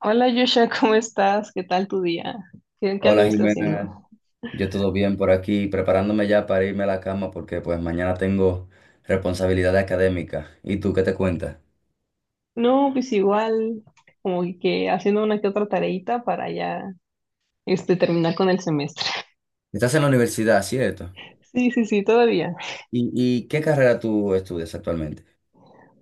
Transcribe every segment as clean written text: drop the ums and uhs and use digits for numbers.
Hola, Joshua, ¿cómo estás? ¿Qué tal tu día? ¿Qué Hola anduviste Jimena, haciendo? yo todo bien por aquí, preparándome ya para irme a la cama porque pues mañana tengo responsabilidad académica. ¿Y tú qué te cuentas? No, pues igual, como que haciendo una que otra tareita para ya terminar con el semestre. Estás en la universidad, ¿cierto? Sí, sí, sí, todavía. ¿Y qué carrera tú estudias actualmente?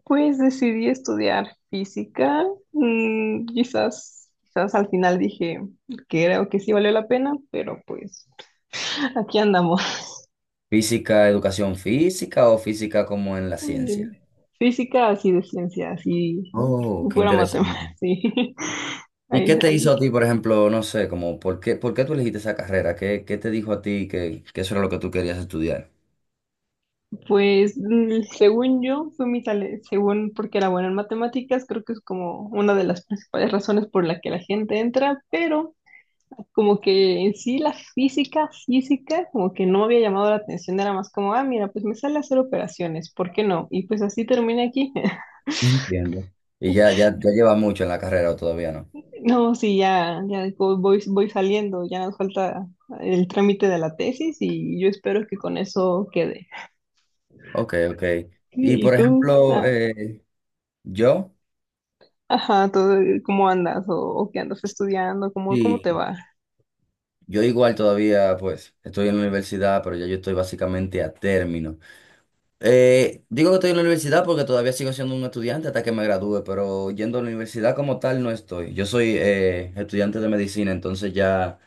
Pues decidí estudiar física. Quizás al final dije que creo que sí valió la pena, pero pues aquí andamos. ¿Física, educación física o física como en la Mm, ciencia? Física así de ciencia, así Oh, qué pura matemática, interesante. sí. ¿Y Ahí, qué te ahí. hizo a ti, por ejemplo, no sé, como por qué tú elegiste esa carrera? ¿Qué te dijo a ti que eso era lo que tú querías estudiar? Pues según yo, fue según porque era buena en matemáticas, creo que es como una de las principales razones por la que la gente entra, pero como que en sí la física, como que no me había llamado la atención, era más como, ah, mira, pues me sale hacer operaciones, ¿por qué no? Y pues así terminé aquí. No entiendo. Y ya llevas mucho en la carrera o todavía no. No, sí, ya voy, voy saliendo, ya nos falta el trámite de la tesis y yo espero que con eso quede. Ok, ok. Y ¿Y por tú? ejemplo, Ah, yo, ajá, todo, ¿cómo andas? ¿O qué andas estudiando? ¿Cómo te sí, va? yo igual todavía, pues, estoy en la universidad, pero ya yo estoy básicamente a término. Digo que estoy en la universidad porque todavía sigo siendo un estudiante hasta que me gradúe, pero yendo a la universidad como tal no estoy. Yo soy estudiante de medicina, entonces ya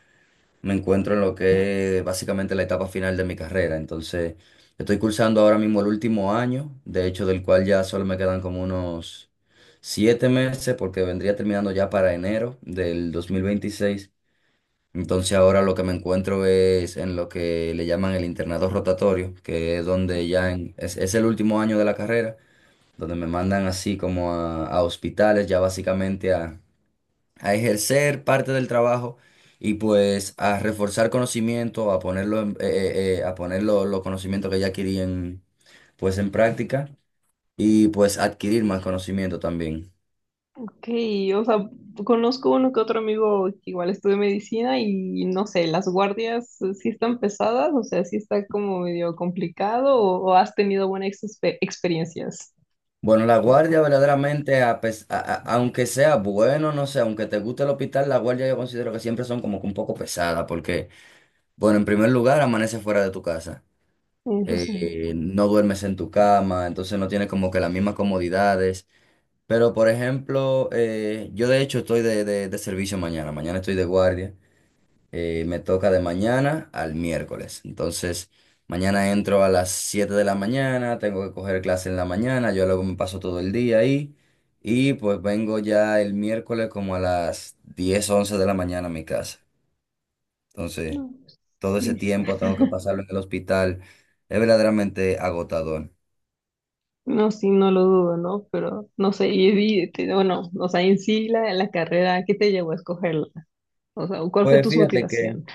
me encuentro en lo que es básicamente la etapa final de mi carrera. Entonces, estoy cursando ahora mismo el último año, de hecho, del cual ya solo me quedan como unos 7 meses, porque vendría terminando ya para enero del 2026. Entonces, ahora lo que me encuentro es en lo que le llaman el internado rotatorio, que es donde es el último año de la carrera, donde me mandan así como a hospitales, ya básicamente a ejercer parte del trabajo y pues a reforzar conocimiento, a poner los conocimientos que ya adquirí en, pues en práctica, y pues adquirir más conocimiento también. Ok, o sea, conozco uno que otro amigo que igual estudia medicina y no sé, las guardias sí están pesadas, o sea, sí está como medio complicado o has tenido buenas experiencias. Bueno, la guardia verdaderamente, a pes- a- aunque sea bueno, no sé, aunque te guste el hospital, la guardia yo considero que siempre son como que un poco pesadas, porque, bueno, en primer lugar, amaneces fuera de tu casa, Eso sí. No duermes en tu cama, entonces no tienes como que las mismas comodidades. Pero, por ejemplo, yo de hecho estoy de servicio mañana. Mañana estoy de guardia. Me toca de mañana al miércoles. Entonces, mañana entro a las 7 de la mañana, tengo que coger clase en la mañana, yo luego me paso todo el día ahí. Y pues vengo ya el miércoles como a las 10 u 11 de la mañana a mi casa. Entonces, No, todo ese sí, sí. tiempo tengo que pasarlo en el hospital. Es verdaderamente agotador. No, sí, no lo dudo, ¿no? Pero no sé, bueno, o sea, en sí la carrera, ¿qué te llevó a escogerla? O sea, ¿cuál fue Pues tu fíjate que... motivación?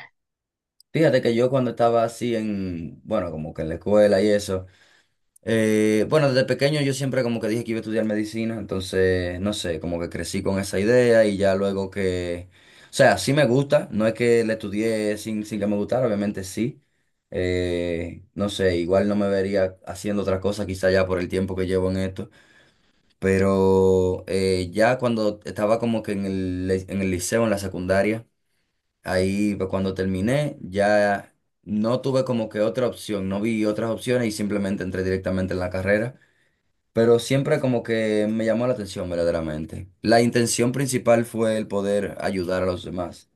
Fíjate que yo cuando estaba así en, bueno, como que en la escuela y eso, bueno, desde pequeño yo siempre como que dije que iba a estudiar medicina, entonces, no sé, como que crecí con esa idea y ya luego que, o sea, sí me gusta, no es que la estudié sin, sin que me gustara, obviamente sí, no sé, igual no me vería haciendo otra cosa quizá ya por el tiempo que llevo en esto, pero ya cuando estaba como que en el liceo, en la secundaria, ahí pues, cuando terminé ya no tuve como que otra opción, no vi otras opciones y simplemente entré directamente en la carrera, pero siempre como que me llamó la atención verdaderamente. La intención principal fue el poder ayudar a los demás.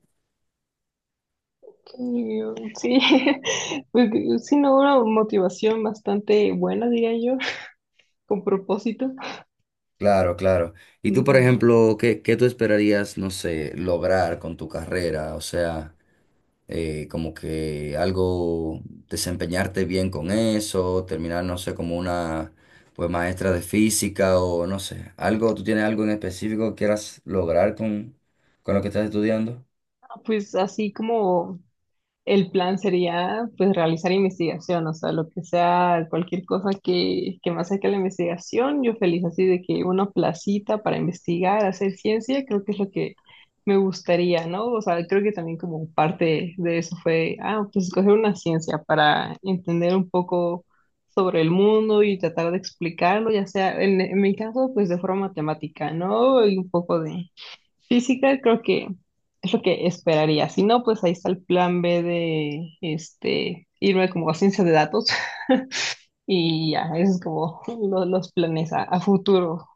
Sí, pues sí, no, una motivación bastante buena, diría yo, con propósito. Claro, claro. Y tú, por Mm. ejemplo, ¿qué tú esperarías, no sé, lograr con tu carrera? O sea... como que algo, desempeñarte bien con eso, terminar, no sé, como una pues maestra de física o no sé, algo, ¿tú tienes algo en específico que quieras lograr con lo que estás estudiando? Ah, pues así como el plan sería pues realizar investigación, o sea, lo que sea, cualquier cosa que me acerque a la investigación, yo feliz así de que una placita para investigar, hacer ciencia, creo que es lo que me gustaría, ¿no? O sea, creo que también como parte de eso fue, ah, pues escoger una ciencia para entender un poco sobre el mundo y tratar de explicarlo, ya sea en mi caso, pues de forma matemática, ¿no? Y un poco de, física creo que es lo que esperaría. Si no, pues ahí está el plan B de irme como a ciencia de datos y ya, esos es como los planes a futuro.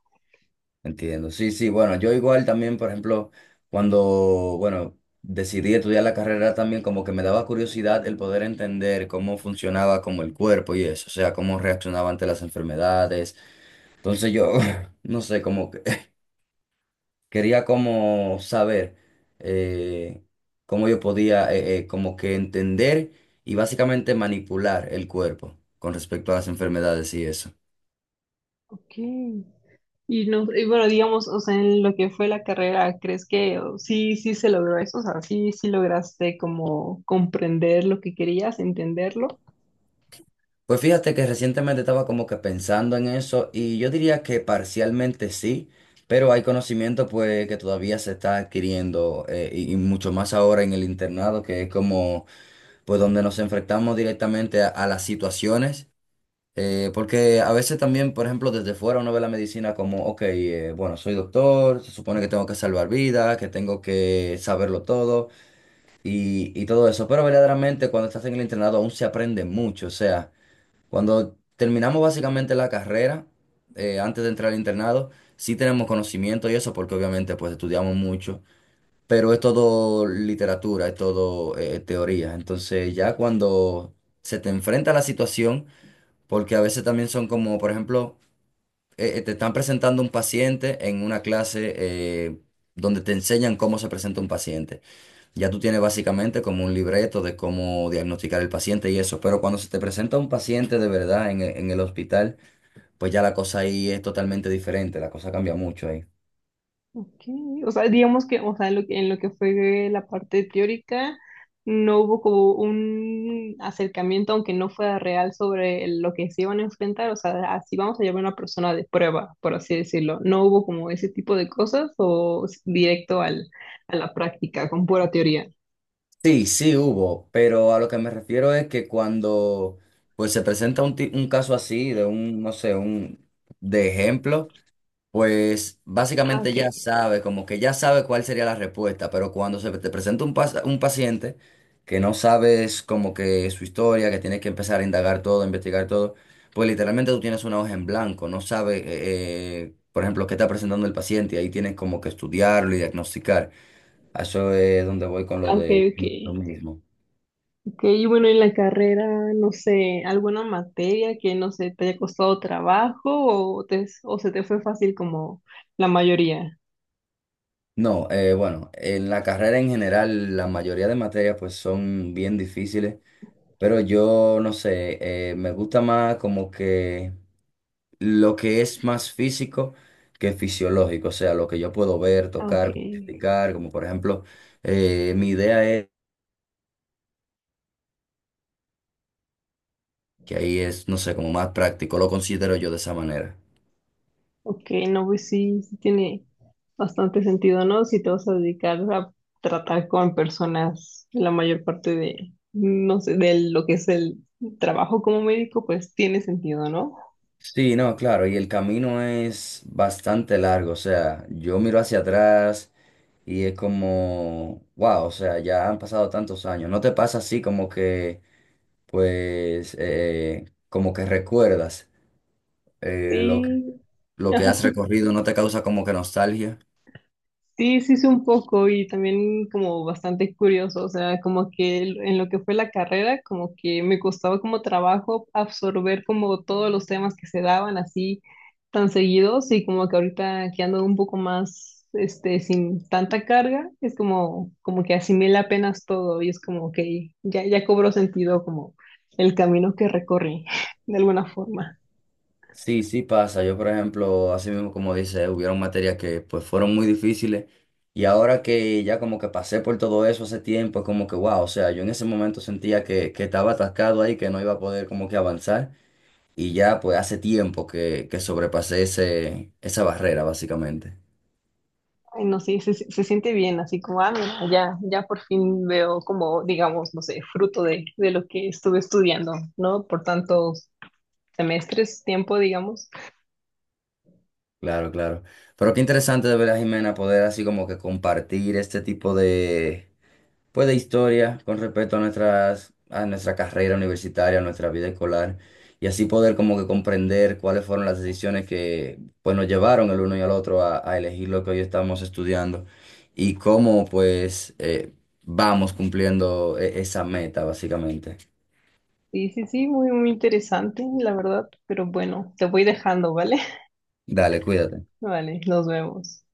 Entiendo, sí, sí, bueno, yo igual también, por ejemplo, cuando, bueno, decidí estudiar la carrera también, como que me daba curiosidad el poder entender cómo funcionaba como el cuerpo y eso, o sea, cómo reaccionaba ante las enfermedades. Entonces yo, no sé, como quería como saber eh, cómo yo podía como que entender y básicamente manipular el cuerpo con respecto a las enfermedades y eso. Ok. Y no, y bueno, digamos, o sea, en lo que fue la carrera, ¿crees que o, sí, sí se logró eso? O sea, sí, sí lograste como comprender lo que querías, entenderlo. Pues fíjate que recientemente estaba como que pensando en eso y yo diría que parcialmente sí, pero hay conocimiento pues que todavía se está adquiriendo y mucho más ahora en el internado que es como pues donde nos enfrentamos directamente a las situaciones. Porque a veces también, por ejemplo, desde fuera uno ve la medicina como, ok, bueno, soy doctor, se supone que tengo que salvar vidas, que tengo que saberlo todo y todo eso. Pero verdaderamente cuando estás en el internado aún se aprende mucho. O sea, cuando terminamos básicamente la carrera, antes de entrar al internado, sí tenemos conocimiento y eso porque obviamente pues estudiamos mucho, pero es todo literatura, es todo teoría. Entonces ya cuando se te enfrenta a la situación, porque a veces también son como, por ejemplo, te están presentando un paciente en una clase eh, donde te enseñan cómo se presenta un paciente. Ya tú tienes básicamente como un libreto de cómo diagnosticar el paciente y eso, pero cuando se te presenta un paciente de verdad en, en el hospital, pues ya la cosa ahí es totalmente diferente, la cosa cambia mucho ahí. Ok, o sea, digamos que, o sea, en lo que fue la parte teórica, no hubo como un acercamiento, aunque no fuera real, sobre lo que se iban a enfrentar. O sea, así vamos a llamar a una persona de prueba, por así decirlo. No hubo como ese tipo de cosas directo al, a la práctica, con pura teoría. Sí, sí hubo, pero a lo que me refiero es que cuando pues se presenta un, un caso así, de un, no sé, un, de ejemplo. Pues Ah, básicamente ok, ya sabe, como que ya sabe cuál sería la respuesta, pero cuando se te presenta un, un paciente que no sabes como que su historia, que tienes que empezar a indagar todo, a investigar todo, pues literalmente tú tienes una hoja en blanco, no sabes, por ejemplo, qué está presentando el paciente, y ahí tienes como que estudiarlo y diagnosticar. A eso es donde voy con lo ah, ok, de que ok. no es lo mismo. Ok, y bueno, en la carrera, no sé, alguna materia que, no sé, te haya costado trabajo o se te fue fácil como la mayoría. No, bueno, en la carrera en general la mayoría de materias pues son bien difíciles. Pero yo no sé, me gusta más como que lo que es más físico que fisiológico, o sea, lo que yo puedo ver, Ah, ok, tocar, cuantificar, como por ejemplo, mi idea es que ahí es, no sé, como más práctico, lo considero yo de esa manera. ok, no, pues sí, sí tiene bastante sentido, ¿no? Si te vas a dedicar a tratar con personas la mayor parte de, no sé, de lo que es el trabajo como médico, pues tiene sentido, ¿no? Sí, no, claro, y el camino es bastante largo, o sea, yo miro hacia atrás y es como, wow, o sea, ya han pasado tantos años, ¿no te pasa así como que, pues, como que recuerdas? Eh, lo que, Sí, lo que ajá, has recorrido no te causa como que nostalgia. sí, sí, sí, un poco y también como bastante curioso, o sea, como que en lo que fue la carrera, como que me costaba como trabajo absorber como todos los temas que se daban así tan seguidos y como que ahorita que ando un poco más, sin tanta carga, es como, como que asimila apenas todo y es como que ya, ya cobró sentido como el camino que recorrí de alguna forma. Sí, sí pasa. Yo, por ejemplo, así mismo como dice, hubieron materias que pues fueron muy difíciles y ahora que ya como que pasé por todo eso hace tiempo, es como que wow, o sea, yo en ese momento sentía que estaba atascado ahí, que no iba a poder como que avanzar, y ya pues hace tiempo que sobrepasé ese, esa barrera básicamente. Ay, no, sí, se siente bien, así como, ah, mira, ya, ya por fin veo como, digamos, no sé, fruto de lo que estuve estudiando, ¿no? Por tantos semestres, tiempo, digamos. Claro, claro. Pero qué interesante de verdad, Jimena, poder así como que compartir este tipo de pues de historia con respecto a nuestras, a nuestra carrera universitaria, a nuestra vida escolar, y así poder como que comprender cuáles fueron las decisiones que pues nos llevaron el uno y al otro a elegir lo que hoy estamos estudiando y cómo pues vamos cumpliendo esa meta básicamente. Sí, sí, sí, muy, muy interesante, la verdad, pero bueno, te voy dejando, ¿vale? Dale, cuídate. Vale, nos vemos.